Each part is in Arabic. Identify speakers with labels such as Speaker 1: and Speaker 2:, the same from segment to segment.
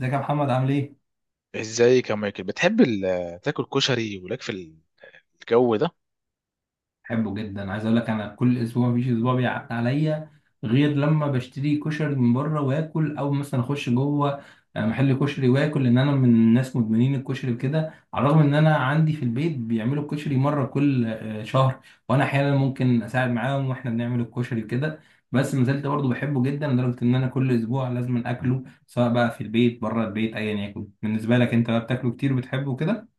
Speaker 1: ازيك يا محمد عامل ايه؟
Speaker 2: ازيك يا مايكل؟ بتحب تاكل كشري ولك في الجو ده؟
Speaker 1: بحبه جدا، عايز اقول لك انا كل اسبوع مفيش اسبوع بيعدي عليا غير لما بشتري كشري من بره واكل، او مثلا اخش جوه محل كشري واكل، لان انا من الناس مدمنين الكشري كده. على الرغم ان انا عندي في البيت بيعملوا الكشري مره كل شهر، وانا احيانا ممكن اساعد معاهم واحنا بنعمل الكشري كده. بس ما زلت برضه بحبه جدا، لدرجه ان انا كل اسبوع لازم اكله، سواء بقى في البيت بره البيت ايا يكن. بالنسبه لك انت بقى، بتاكله كتير وبتحبه كده؟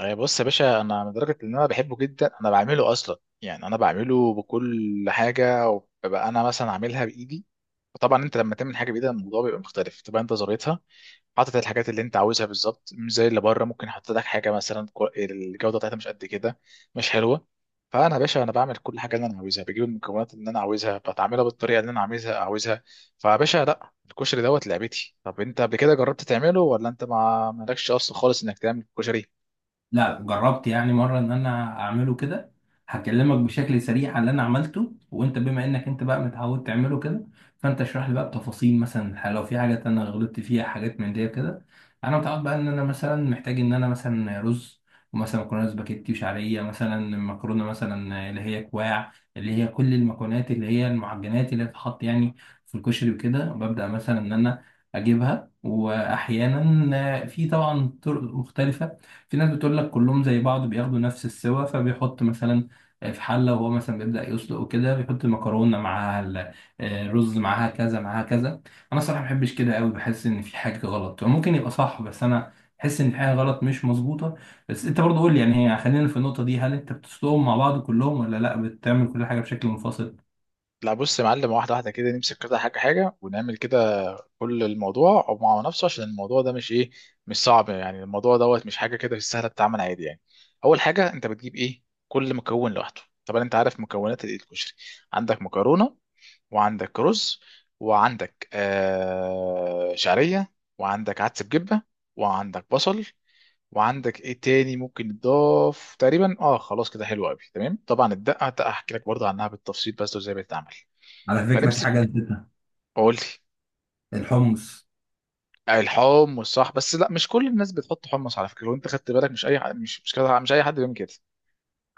Speaker 2: أي بص يا باشا، انا لدرجه ان انا بحبه جدا انا بعمله اصلا. يعني انا بعمله بكل حاجه، وببقى انا مثلا عاملها بايدي. وطبعا انت لما تعمل حاجه بايدك الموضوع بيبقى مختلف، تبقى انت زريتها، حاطط الحاجات اللي انت عاوزها بالظبط، مش زي اللي بره ممكن يحط لك حاجه مثلا الجوده بتاعتها مش قد كده، مش حلوه. فانا يا باشا انا بعمل كل حاجه اللي انا عاوزها، بجيب المكونات اللي انا عاوزها، بتعملها بالطريقه اللي انا عاوزها فيا باشا لا، الكشري دوت لعبتي. طب انت قبل كده جربت تعمله، ولا انت ما مالكش اصلا خالص انك تعمل كشري؟
Speaker 1: لا، جربت يعني مرة ان انا اعمله كده. هكلمك بشكل سريع على اللي انا عملته، وانت بما انك انت بقى متعود تعمله كده، فانت اشرح لي بقى بتفاصيل، مثلا لو في حاجات انا غلطت فيها، حاجات من دي كده. انا متعود بقى ان انا مثلا محتاج ان انا مثلا رز، ومثلا مكرونه سباكيتي وشعريه، مثلا مكرونه مثلا اللي هي كواع، اللي هي كل المكونات اللي هي المعجنات اللي بتتحط يعني في الكشري، وكده ببدأ مثلا ان انا اجيبها. واحيانا في طبعا طرق مختلفة. في ناس بتقول لك كلهم زي بعض، بياخدوا نفس السوا، فبيحط مثلا في حلة وهو مثلا بيبدأ يسلق، وكده بيحط مكرونة معاها الرز، معاها كذا معاها كذا. أنا صراحة ما بحبش كده قوي، بحس إن في حاجة غلط. ممكن يبقى صح، بس أنا بحس إن في حاجة غلط، مش مظبوطة. بس أنت برضه قول لي يعني، هي خلينا في النقطة دي، هل أنت بتسلقهم مع بعض كلهم، ولا لأ بتعمل كل حاجة بشكل منفصل؟
Speaker 2: لا بص يا معلم، واحده واحده كده، نمسك كده حاجه حاجه ونعمل كده كل الموضوع مع نفسه. عشان الموضوع ده مش ايه، مش صعب. يعني الموضوع دوت مش حاجه، كده سهله بتتعمل عادي. يعني اول حاجه انت بتجيب ايه كل مكون لوحده. طبعا انت عارف مكونات الإيه الكشري، عندك مكرونه، وعندك رز، وعندك آه شعريه، وعندك عدس بجبه، وعندك بصل، وعندك ايه تاني ممكن يتضاف تقريبا؟ اه خلاص كده، حلو قوي تمام. طبعا الدقه هحكي لك برضه عنها بالتفصيل، بس وازاي بتتعمل.
Speaker 1: على فكرة في حاجة
Speaker 2: فنمسك.
Speaker 1: نسيتها،
Speaker 2: قول لي.
Speaker 1: الحمص.
Speaker 2: الحمص صح، بس لا مش كل الناس بتحط حمص على فكره. لو انت خدت بالك مش اي مش كده، مش اي حد بيعمل كده.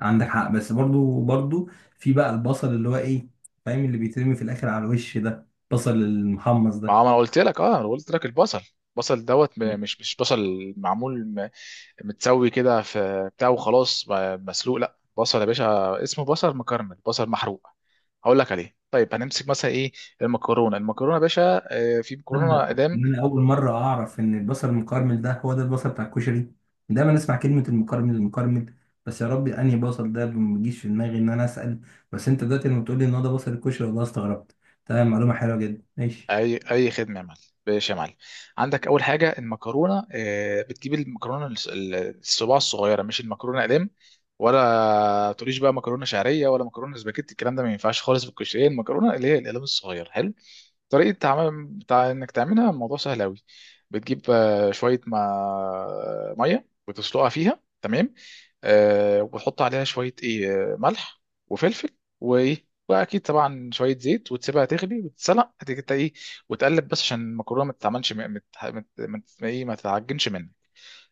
Speaker 1: عندك حق، بس برضو برضو في بقى البصل اللي هو ايه، فاهم، اللي بيترمي في الاخر على الوش ده، البصل المحمص
Speaker 2: ما هو
Speaker 1: ده.
Speaker 2: انا قلت لك، اه انا قلت لك البصل. البصل دوت مش بصل معمول متسوي كده في بتاع وخلاص، مسلوق. لا بصل يا باشا، اسمه بصل مكرمل، بصل محروق، هقول لك عليه. طيب هنمسك مثلا ايه؟ المكرونه. المكرونه يا باشا، في مكرونه
Speaker 1: تصدق
Speaker 2: اقدام.
Speaker 1: ان انا اول مره اعرف ان البصل المكرمل ده هو ده البصل بتاع الكشري؟ دايما اسمع كلمه المكرمل المكرمل، بس يا ربي انهي بصل ده؟ ما بيجيش في دماغي ان انا اسال. بس انت دلوقتي لما بتقول لي ان هو ده بصل الكشري، والله استغربت. تمام، معلومه حلوه جدا، ماشي.
Speaker 2: اي اي خدمه يا معلم. باش يا معلم. عندك اول حاجه المكرونه، بتجيب المكرونه الصباع الصغيره، مش المكرونه اقلام. ولا تقوليش بقى مكرونه شعريه، ولا مكرونه سباكيتي، الكلام ده ما ينفعش خالص في الكشري. المكرونه اللي هي الاقلام الصغير، حلو. طريقة عمل بتاع انك تعملها الموضوع سهل قوي. بتجيب شوية ما... مية وتسلقها فيها، تمام. آه، وتحط عليها شوية ايه، ملح وفلفل وايه، واكيد طبعا شوية زيت، وتسيبها تغلي وتتسلق. هتيجي إنت ايه وتقلب، بس عشان المكرونة ما تتعملش ايه، ما تتعجنش منك.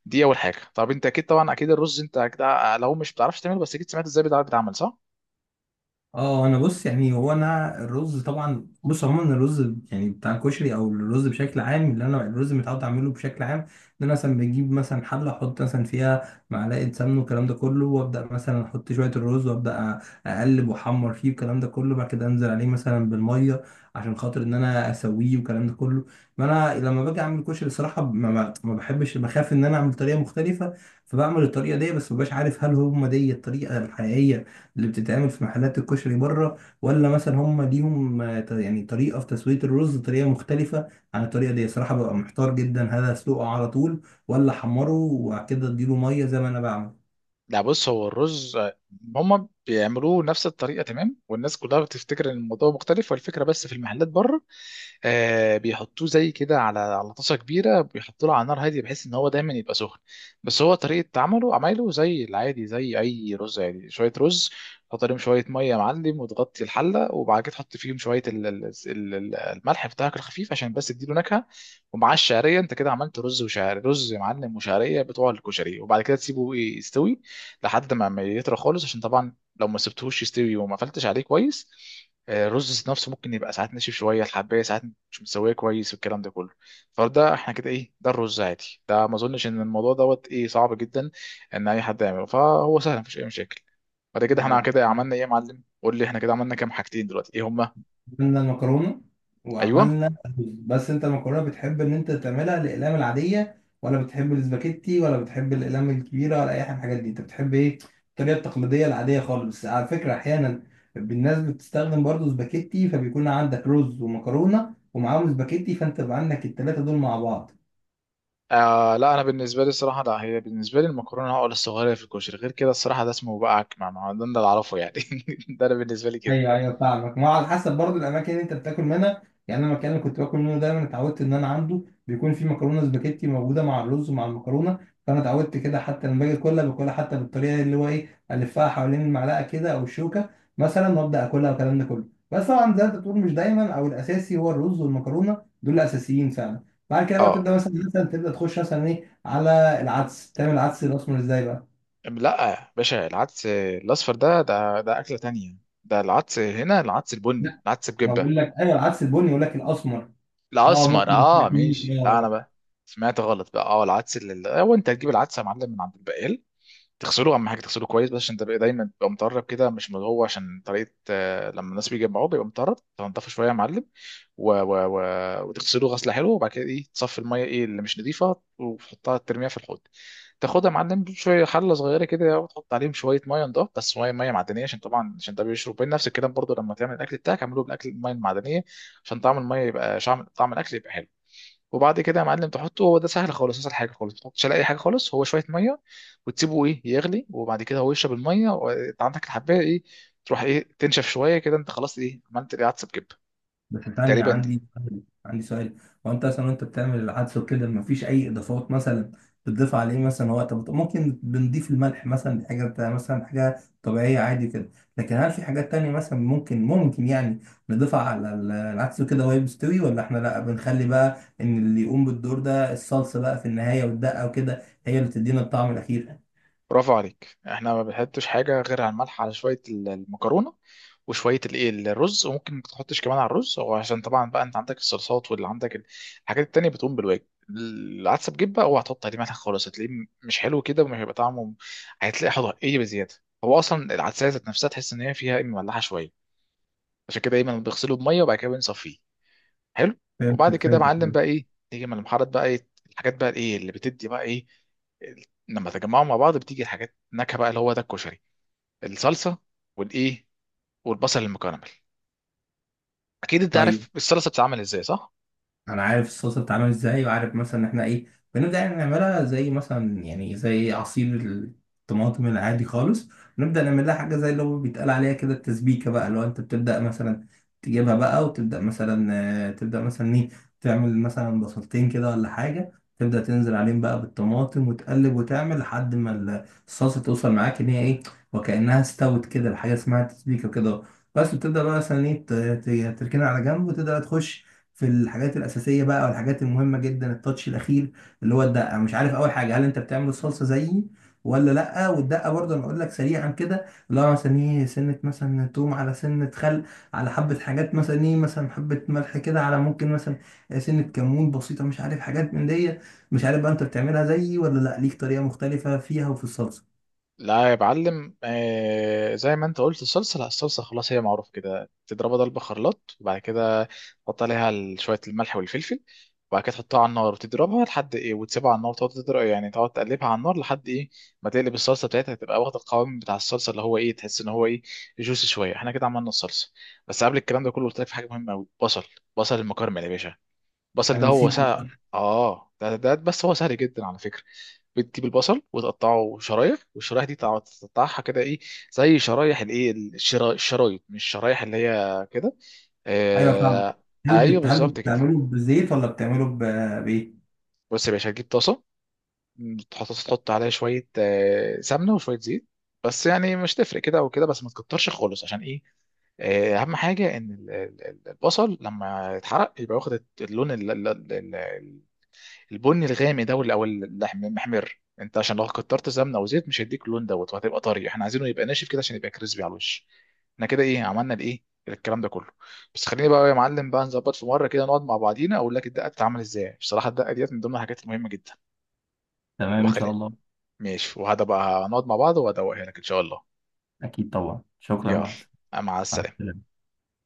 Speaker 2: دي اول حاجة. طب انت اكيد، طبعا اكيد الرز انت اكيد لو مش بتعرفش تعمله، بس اكيد سمعت ازاي بيتعمل صح؟
Speaker 1: اه انا بص، يعني هو انا الرز طبعا، بص عموما الرز يعني بتاع الكشري، او الرز بشكل عام، اللي انا الرز متعود اعمله بشكل عام، ان انا مثلا بجيب مثلا حله، احط مثلا فيها معلقه سمن والكلام ده كله، وابدا مثلا احط شويه الرز، وابدا اقلب واحمر فيه والكلام ده كله، بعد كده انزل عليه مثلا بالميه عشان خاطر ان انا اسويه والكلام ده كله. ما انا لما باجي اعمل كشري، الصراحه ما بحبش، بخاف ان انا اعمل طريقه مختلفه، فبعمل الطريقه دي. بس مبقاش عارف هل هم دي الطريقه الحقيقيه اللي بتتعمل في محلات الكشري بره، ولا مثلا هم ليهم يعني طريقة في تسوية الرز طريقة مختلفة عن الطريقة دي. صراحة ببقى محتار جدا، هل اسلقه على طول، ولا احمره وبعد كده اديله مية زي ما انا بعمل؟
Speaker 2: لا بص، هو الرز هم بيعملوه نفس الطريقه تمام، والناس كلها بتفتكر ان الموضوع مختلف، والفكره بس في المحلات بره آه بيحطوه زي كده على طاسه كبيره، بيحطوا له على نار هاديه بحيث ان هو دايما يبقى سخن. بس هو طريقه عمله عمايله زي العادي، زي اي رز. يعني شويه رز تحط عليهم شويه ميه يا معلم، وتغطي الحله، وبعد كده تحط فيهم شويه الملح بتاعك الخفيف عشان بس تديله نكهه، ومعاه الشعريه. انت كده عملت رز وشعريه، رز يا معلم وشعريه بتوع الكشري. وبعد كده تسيبه إيه، يستوي لحد ما يطرى خالص. عشان طبعا لو ما سبتهوش يستوي وما قفلتش عليه كويس، الرز نفسه ممكن يبقى ساعات ناشف شويه، الحبايه ساعات مش متسويه كويس والكلام ده كله. فده احنا كده ايه، ده الرز عادي، ده ما اظنش ان الموضوع دوت ايه صعب جدا ان اي حد يعمله، فهو سهل مفيش اي مشاكل. بعد
Speaker 1: لا.
Speaker 2: كده احنا كده
Speaker 1: لا.
Speaker 2: عملنا ايه يا معلم؟ قول لي احنا كده عملنا كام حاجتين دلوقتي، ايه هما؟
Speaker 1: عملنا المكرونة
Speaker 2: ايوه.
Speaker 1: وعملنا الرز. بس انت المكرونة بتحب ان انت تعملها الأقلام العادية، ولا بتحب الاسباجيتي، ولا بتحب الأقلام الكبيرة، ولا أي حاجة من الحاجات دي؟ انت بتحب ايه؟ الطريقة التقليدية العادية خالص. بس على فكرة أحيانا الناس بتستخدم برضو اسباجيتي، فبيكون عندك رز ومكرونة ومعاهم اسباجيتي، فانت بقى عندك التلاتة دول مع بعض.
Speaker 2: آه لا، انا بالنسبه لي الصراحه لا، هي بالنسبه لي المكرونه عقله الصغيره في الكشري، غير كده الصراحه ده اسمه بقى عكمه ما، ده اللي اعرفه يعني ده انا بالنسبه لي كده.
Speaker 1: ايوه، ايوه، فاهمك. ما هو على حسب برضو الاماكن اللي انت بتاكل منها. يعني انا المكان اللي كنت باكل منه دايما اتعودت ان انا عنده بيكون في مكرونه سباكيتي موجوده مع الرز ومع المكرونه، فانا اتعودت كده. حتى لما باجي اكلها باكلها حتى بالطريقه اللي هو ايه، الفها حوالين المعلقه كده او الشوكه مثلا، وابدا اكلها والكلام ده كله. بس طبعا زي ما انت بتقول، مش دايما، او الاساسي هو الرز والمكرونه، دول الاساسيين فعلا. بعد كده بقى
Speaker 2: اه
Speaker 1: بتبدا مثلا، مثلا تبدا تخش مثلا ايه على العدس. تعمل العدس الاسمر ازاي بقى؟
Speaker 2: لا يا باشا، العدس الاصفر ده اكله تانية. ده العدس، هنا العدس البني،
Speaker 1: لا،
Speaker 2: العدس
Speaker 1: ما
Speaker 2: بجبه.
Speaker 1: بقول لك ايوه، العدس البني، يقول لك الاسمر. اه،
Speaker 2: الاسمر
Speaker 1: ممكن ما
Speaker 2: اه
Speaker 1: تاكلوش.
Speaker 2: ماشي، لا انا
Speaker 1: اه.
Speaker 2: بقى سمعت غلط بقى. اه العدس هو انت هتجيب العدس يا معلم من عند البقال، تغسله، اهم حاجه تغسله كويس. بس عشان تبقى دايما تبقى مطرب كده مش من جوه، عشان طريقه لما الناس بيجي يجمعوه بيبقى مطرب، تنضفه شويه يا معلم، و... و... و... وتغسله غسله حلوه، وبعد كده ايه تصفي الميه ايه اللي مش نظيفه وتحطها ترميها في الحوض. تاخدها يا معلم شويه حله صغيره كده، وتحط عليهم شويه ميه نضاف، بس ميه معدنيه. عشان طبعا عشان ده بيشرب، بين نفس الكلام برضه لما تعمل الاكل بتاعك اعمله بالاكل الميه المعدنيه، عشان طعم الميه يبقى طعم الاكل يبقى حلو. وبعد كده يا معلم تحطه، هو ده سهل خالص، اسهل حاجه خالص، ما تحطش على اي حاجه خالص، هو شويه ميه وتسيبه ايه يغلي، وبعد كده هو يشرب الميه، وانت عندك الحبايه ايه تروح ايه تنشف شويه كده. انت خلاص ايه عملت ايه عدس بجبه
Speaker 1: بس ثانية،
Speaker 2: تقريبا دي.
Speaker 1: عندي سؤال. هو انت مثلا وانت بتعمل العدس وكده، مفيش اي اضافات مثلا بتضيف عليه مثلا؟ هو طب ممكن بنضيف الملح مثلا، دي مثلا حاجة طبيعية عادي كده. لكن هل في حاجات تانية مثلا ممكن يعني نضيفها على العدس وكده وهي مستوي، ولا احنا لا بنخلي بقى ان اللي يقوم بالدور ده الصلصة بقى في النهاية، والدقة وكده هي اللي تدينا الطعم الأخير؟
Speaker 2: برافو عليك. احنا ما بنحطش حاجه غير على الملح على شويه المكرونه، وشويه الايه الرز. وممكن ما تحطش كمان على الرز، وعشان طبعا بقى انت عندك الصلصات، واللي عندك الحاجات التانية بتقوم بالواجب. العدسه بجيب بقى اوعى تحط عليه ملح خالص، هتلاقيه مش حلو كده، ومش هيبقى طعمه، هتلاقي حضر ايه بزياده. هو اصلا العدسه ذات نفسها تحس ان هي فيها إيه، مملحه شويه، عشان كده دايما بيغسلوا بميه وبعد كده بنصفيه. حلو.
Speaker 1: فهمتك،
Speaker 2: وبعد كده يا معلم
Speaker 1: فهمتك.
Speaker 2: بقى ايه، تيجي من المحارات بقى ايه الحاجات بقى ايه اللي بتدي بقى ايه ال- لما تجمعهم مع بعض بتيجي الحاجات نكهه بقى، اللي هو ده الكشري. الصلصه، والايه، والبصل المكرمل. اكيد انت
Speaker 1: طيب،
Speaker 2: عارف الصلصه بتتعمل ازاي، صح؟
Speaker 1: انا عارف الصلصه بتتعمل ازاي، وعارف مثلا ان احنا ايه، بنبدا يعني نعملها زي مثلا يعني زي عصير الطماطم العادي خالص. نبدا نعمل لها حاجه زي اللي هو بيتقال عليها كده التسبيكه بقى. لو انت بتبدا مثلا تجيبها بقى، وتبدا مثلا تبدا مثلا ايه، تعمل مثلا بصلتين كده ولا حاجه، تبدا تنزل عليهم بقى بالطماطم وتقلب، وتعمل لحد ما الصلصه توصل معاك ان هي ايه وكانها استوت كده، الحاجه اسمها تسبيكه كده. بس بتبدا بقى مثلا ايه، تركنها على جنب وتبدا تخش في الحاجات الأساسية بقى، أو الحاجات المهمة جدا، التاتش الأخير اللي هو الدقة. مش عارف أول حاجة، هل أنت بتعمل الصلصة زيي ولا لأ؟ والدقة برضه أنا أقول لك سريعا كده، اللي هو مثلا إيه، سنة مثلا توم على سنة خل، على حبة حاجات مثلا إيه، مثلا حبة ملح كده، على ممكن مثلا سنة كمون بسيطة، مش عارف حاجات من دي. مش عارف بقى أنت بتعملها زيي ولا لأ، ليك طريقة مختلفة فيها وفي الصلصة؟
Speaker 2: لا يا معلم، آه زي ما انت قلت الصلصه، لا الصلصه خلاص هي معروف كده، تضربها ضربه خلاط، وبعد كده تحط عليها شويه الملح والفلفل، وبعد كده تحطها على النار وتضربها لحد ايه، وتسيبها على النار وتقعد تضرب، يعني تقعد تقلبها على النار لحد ايه ما تقلب الصلصه بتاعتها، تبقى واخده القوام بتاع الصلصه، اللي هو ايه تحس ان هو ايه جوسي شويه. احنا كده عملنا الصلصه. بس قبل الكلام ده كله قلت لك في حاجه مهمه قوي، بصل، بصل المكرمل يا باشا. البصل ده
Speaker 1: أنا
Speaker 2: هو
Speaker 1: نسيت.
Speaker 2: سهل. اه ده بس هو سهل جدا على فكرة. بتجيب البصل وتقطعه شرايح، والشرايح دي تقطعها كده ايه زي شرايح الايه الشرايط، مش الشرايح اللي هي كده.
Speaker 1: أيوه، فاهم.
Speaker 2: آه.
Speaker 1: هل
Speaker 2: ايوه
Speaker 1: بت... هل
Speaker 2: بالظبط كده.
Speaker 1: بتعمله بزيت ولا بتعمله ب... بإيه؟
Speaker 2: بص يا باشا هتجيب طاسة، تحط عليها شوية آه سمنة وشوية زيت، بس يعني مش تفرق كده او كده، بس ما تكترش خالص عشان ايه، اهم حاجه ان البصل لما يتحرق يبقى واخد اللون البني الغامق ده، او اللحم المحمر. انت عشان لو كترت سمنه وزيت مش هيديك اللون دوت، وهتبقى طري، احنا عايزينه يبقى ناشف كده عشان يبقى كريسبي على الوش. احنا كده ايه عملنا الايه الكلام ده كله. بس خليني بقى يا معلم بقى نظبط في مره كده نقعد مع بعضينا، اقول لك الدقه بتتعمل ازاي، بصراحه الدقه ديت من ضمن الحاجات المهمه جدا.
Speaker 1: تمام إن شاء
Speaker 2: وبخلي.
Speaker 1: الله.
Speaker 2: ماشي، وهذا بقى نقعد مع بعض وهدوقها لك ان شاء الله.
Speaker 1: أكيد طبعا، شكرا
Speaker 2: يلا،
Speaker 1: معك.
Speaker 2: مع
Speaker 1: مع
Speaker 2: السلامه.
Speaker 1: السلامة.